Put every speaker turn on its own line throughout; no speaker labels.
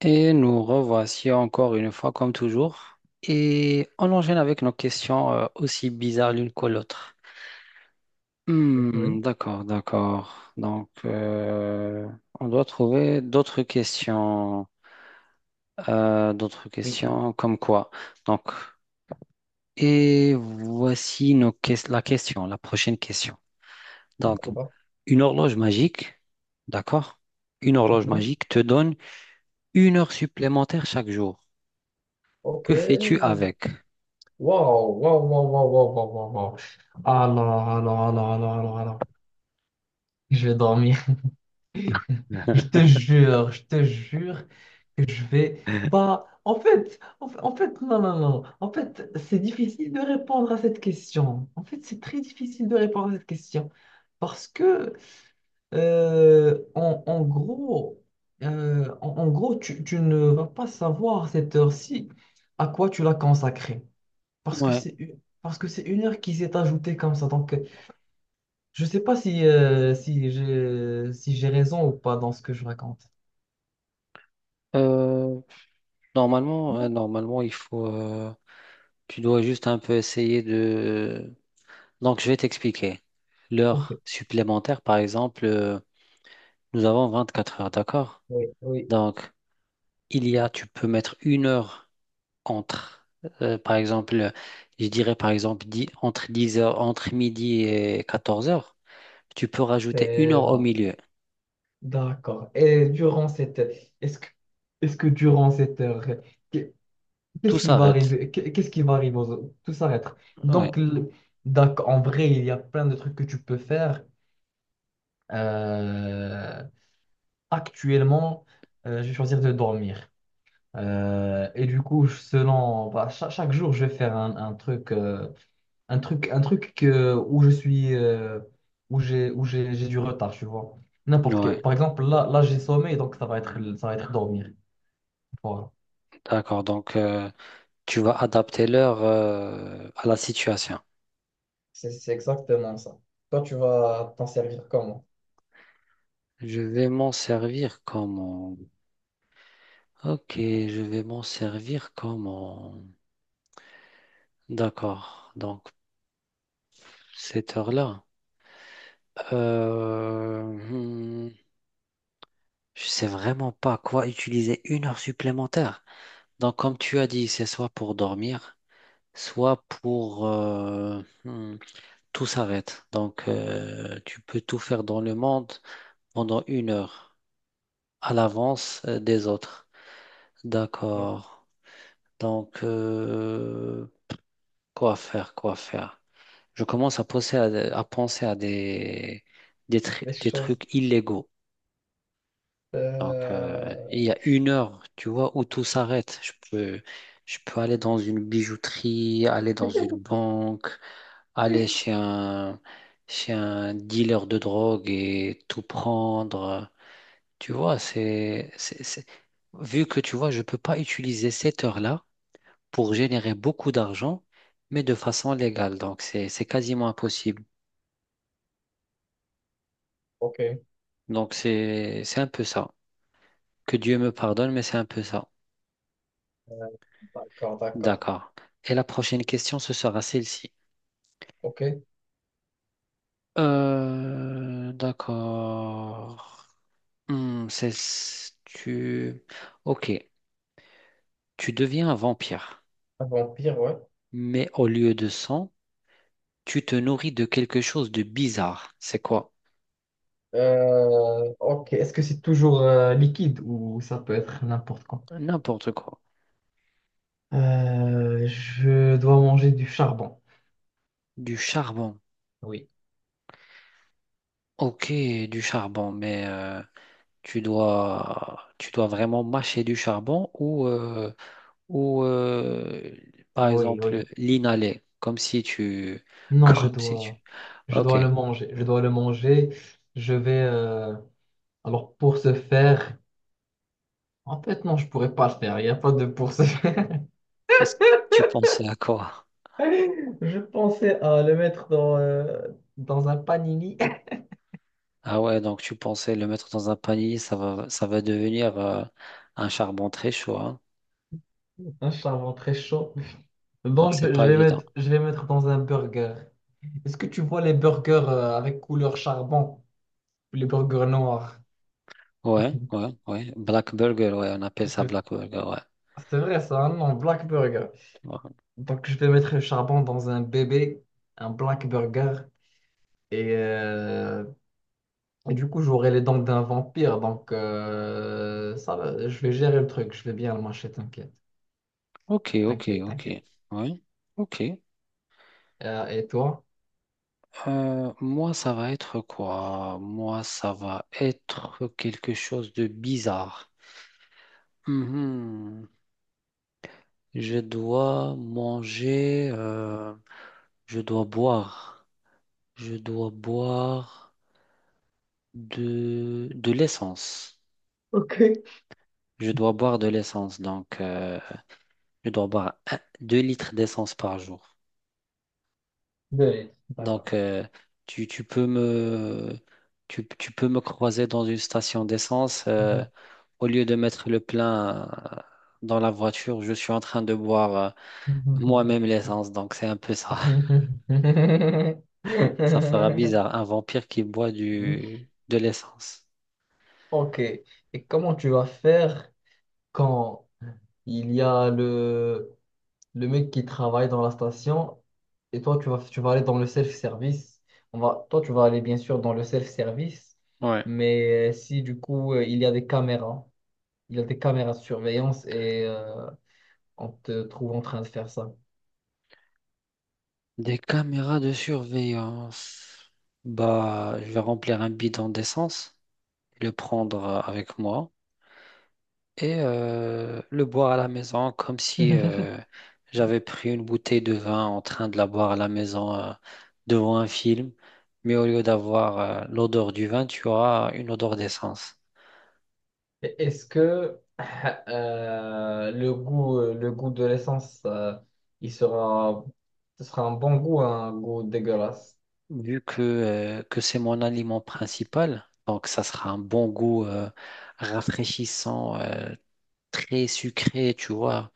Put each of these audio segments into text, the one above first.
Et nous revoici encore une fois, comme toujours. Et on enchaîne avec nos questions aussi bizarres l'une que l'autre. Hmm,
Mhm.
d'accord, d'accord. On doit trouver d'autres questions. D'autres
Oui.
questions comme quoi. Donc, et voici la question, la prochaine question. Donc,
Oh,
une horloge magique, d'accord? Une horloge
mhm.
magique te donne une heure supplémentaire chaque jour.
OK.
Que fais-tu avec?
Wow, wow, wow, wow, wow, wow, wow, wow. Alors, alors, alors. Je vais dormir. Je te jure que je vais. Bah, en fait, non, non, non. En fait, c'est difficile de répondre à cette question. En fait, c'est très difficile de répondre à cette question. Parce que, en gros, en gros, tu ne vas pas savoir à cette heure-ci à quoi tu l'as consacrée.
Ouais,
Parce que c'est une heure qui s'est ajoutée comme ça. Donc, je sais pas si, si j'ai si j'ai raison ou pas dans ce que je raconte.
Euh, normalement,
Non.
normalement, il faut, tu dois juste un peu essayer de. Donc, je vais t'expliquer.
Ok.
L'heure supplémentaire, par exemple, nous avons 24 heures, d'accord?
Oui, oui,
Donc, tu peux mettre une heure entre, par exemple, je dirais par exemple, entre 10 heures, entre midi et 14 heures, tu peux rajouter une
c'est
heure au
bon.
milieu.
D'accord. Et durant cette est-ce que est-ce que durant cette heure, qu'est- qu'est-ce
Tout
qui va
s'arrête.
arriver? Qu'est-ce qui va arriver aux... Tout s'arrête.
Ouais,
Donc, le- d'accord, en vrai, il y a plein de trucs que tu peux faire. Euh, Actuellement, je vais choisir de dormir. Et du coup, selon, bah, chaque jour, je vais faire un truc, un truc que, où je suis, où j'ai du retard, tu vois. N'importe
ouais,
quel. Par exemple, là, là, j'ai sommeil, donc ça va être, ça va être dormir. Voilà.
d'accord. Donc, tu vas adapter l'heure, à la situation.
C'est exactement ça. Toi, tu vas t'en servir comment?
Je vais m'en servir comment? Ok, je vais m'en servir comment? D'accord, donc cette heure-là. Euh, hmm, je sais vraiment pas quoi utiliser une heure supplémentaire. Donc comme tu as dit, c'est soit pour dormir, soit pour... tout s'arrête. Donc tu peux tout faire dans le monde pendant une heure à l'avance des autres.
Donc,
D'accord. Donc... Quoi faire, quoi faire? Je commence à penser à
des
des
choses.
trucs illégaux. Donc, il
euh,
y a une heure, tu vois, où tout s'arrête. Je peux aller dans une bijouterie, aller dans une banque, aller chez un, chez un dealer de drogue et tout prendre. Tu vois, vu que tu vois, je peux pas utiliser cette heure-là pour générer beaucoup d'argent, mais de façon légale. Donc, c'est quasiment impossible.
Ok, euh,
Donc, c'est un peu ça. Que Dieu me pardonne, mais c'est un peu ça.
d'accord, d'accord.
D'accord. Et la prochaine question, ce sera celle-ci.
Ok,
D'accord. Hmm, c'est, tu... Ok. Tu deviens un vampire,
un vampire, ouais.
mais au lieu de sang, tu te nourris de quelque chose de bizarre. C'est quoi?
Ok, est-ce que c'est toujours liquide ou ça peut être n'importe quoi?
N'importe quoi.
Je dois manger du charbon.
Du charbon.
Oui,
Ok, du charbon, mais... tu dois vraiment mâcher du charbon ou, par
oui,
exemple,
oui.
l'inhaler, comme si tu...
Non,
Comme si tu...
je
Ok,
dois le manger. Je dois le manger. Je vais. Alors pour ce faire, en fait non, je pourrais pas le faire. Il n'y a pas de pour ce faire.
qu'est-ce que tu pensais à quoi?
Je pensais à le mettre dans, dans un panini.
Ah ouais, donc tu pensais le mettre dans un panier, ça va devenir un charbon très chaud, hein.
Un charbon très chaud. Bon,
Donc c'est pas évident.
je vais mettre dans un burger. Est-ce que tu vois les burgers avec couleur charbon, les burgers noirs?
Ouais,
Je-
ouais, ouais. Black Burger, ouais, on appelle ça
vais-
Black Burger, ouais.
C'est vrai ça, hein? Non, Black Burger.
Ouais.
Donc, je vais mettre le charbon dans un bébé, un black burger, et, euh, et du coup, j'aurai les dents d'un vampire. Donc, ça va, je vais gérer le truc, je vais bien le mâcher, t'inquiète,
Ok, ok, ok.
t'inquiète.
Ouais, ok.
Et toi?
Moi, ça va être quoi? Moi, ça va être quelque chose de bizarre. Mhm. Je dois manger, euh, je dois boire, je dois boire de l'essence.
Ok.
Je dois boire de l'essence, donc je dois boire 2 litres d'essence par jour.
Deux. D'accord.
Donc, tu peux me, tu peux me croiser dans une station d'essence. Au lieu de mettre le plein euh, dans la voiture, je suis en train de boire moi-même l'essence. Donc, c'est un peu ça. Ça fera bizarre. Un vampire qui boit de l'essence.
Ok. Et comment tu vas faire quand il y a le mec qui travaille dans la station et toi tu vas aller dans le self-service. On va toi tu vas aller bien sûr dans le self-service,
Ouais.
mais si du coup il y a des caméras, il y a des caméras de surveillance et on te trouve en train de faire ça.
Des caméras de surveillance. Bah, je vais remplir un bidon d'essence, le prendre avec moi. Et le boire à la maison comme si j'avais pris une bouteille de vin en train de la boire à la maison devant un film. Mais au lieu d'avoir l'odeur du vin, tu auras une odeur d'essence.
Est-ce que le goût de l'essence il sera ce sera un bon goût, un goût dégueulasse?
Vu que c'est mon aliment principal, donc ça sera un bon goût rafraîchissant, très sucré, tu vois.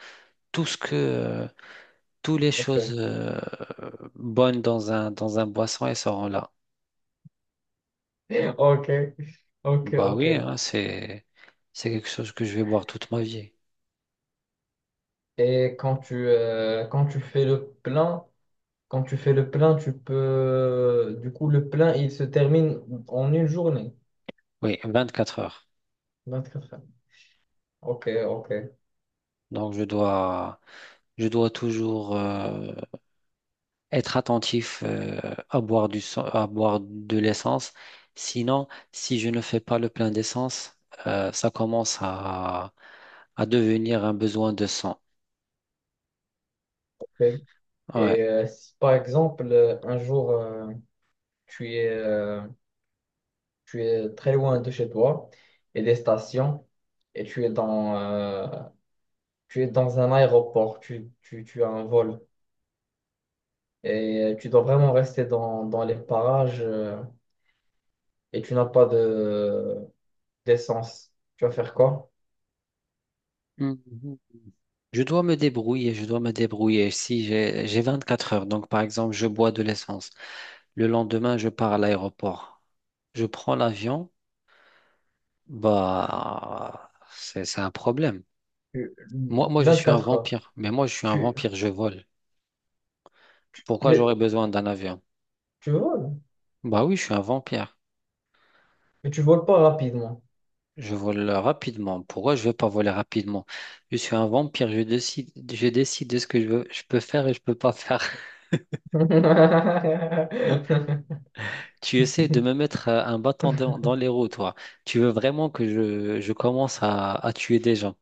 Tout ce que, euh, Toutes les
Ok,
choses bonnes dans dans un boisson, elles seront là.
ok, ok.
Bah
Ok.
oui, hein, c'est quelque chose que je vais boire toute ma vie.
Et quand quand tu fais le plein, quand tu fais le plein, tu peux... Du coup, le plein, il se termine en une journée,
Oui, 24 heures.
24 heures. Ok, ok,
Donc je dois toujours être attentif à boire de l'essence. Sinon, si je ne fais pas le plein d'essence, ça commence à devenir un besoin de sang.
ok.
Ouais.
Et si par exemple, un jour, tu es, euh, tu es très loin de chez toi et des stations, et tu es dans un aéroport, tu as un vol, et tu dois vraiment rester dans les parages, et tu n'as pas de d'essence. Tu vas faire quoi?
Mhm. Je dois me débrouiller, je dois me débrouiller. Si j'ai 24 heures, donc par exemple, je bois de l'essence. Le lendemain, je pars à l'aéroport. Je prends l'avion. Bah, c'est un problème.
Tu-
Moi, je suis un
quatre heures.
vampire. Mais moi, je suis un
Tu,
vampire, je vole. Pourquoi
les-
j'aurais besoin d'un avion?
tu voles,
Bah oui, je suis un vampire.
mais tu voles pas rapidement.
Je vole rapidement. Pourquoi je vais pas voler rapidement? Je suis un vampire. Je décide de ce que je veux, je peux faire et je peux pas faire. Tu essaies de me mettre un bâton dans les roues, toi. Tu veux vraiment que je commence à tuer des gens.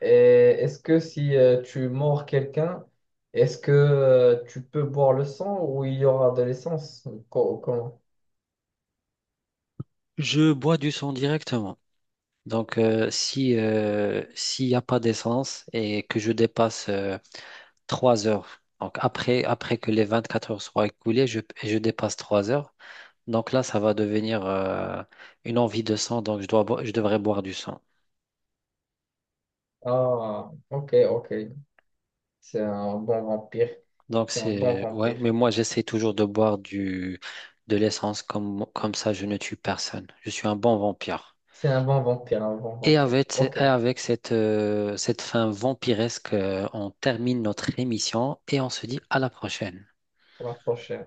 Et est-ce que si tu mords quelqu'un, est-ce que tu peux boire le sang ou il y aura de l'essence? Comment?
Je bois du sang directement. Donc, si, s'il n'y a pas d'essence et que je dépasse 3 heures, donc après, après que les 24 heures soient écoulées, je dépasse 3 heures, donc là, ça va devenir une envie de sang, donc je devrais boire du sang.
Ah, ok, ok. C'est un bon vampire.
Donc,
C'est un bon
ouais,
vampire.
mais moi, j'essaie toujours de boire de l'essence, comme ça, je ne tue personne. Je suis un bon vampire.
C'est un bon vampire, un bon
Et
vampire.
avec,
Ok,
et avec cette, cette fin vampiresque, on termine notre émission et on se dit à la prochaine.
pour la prochaine.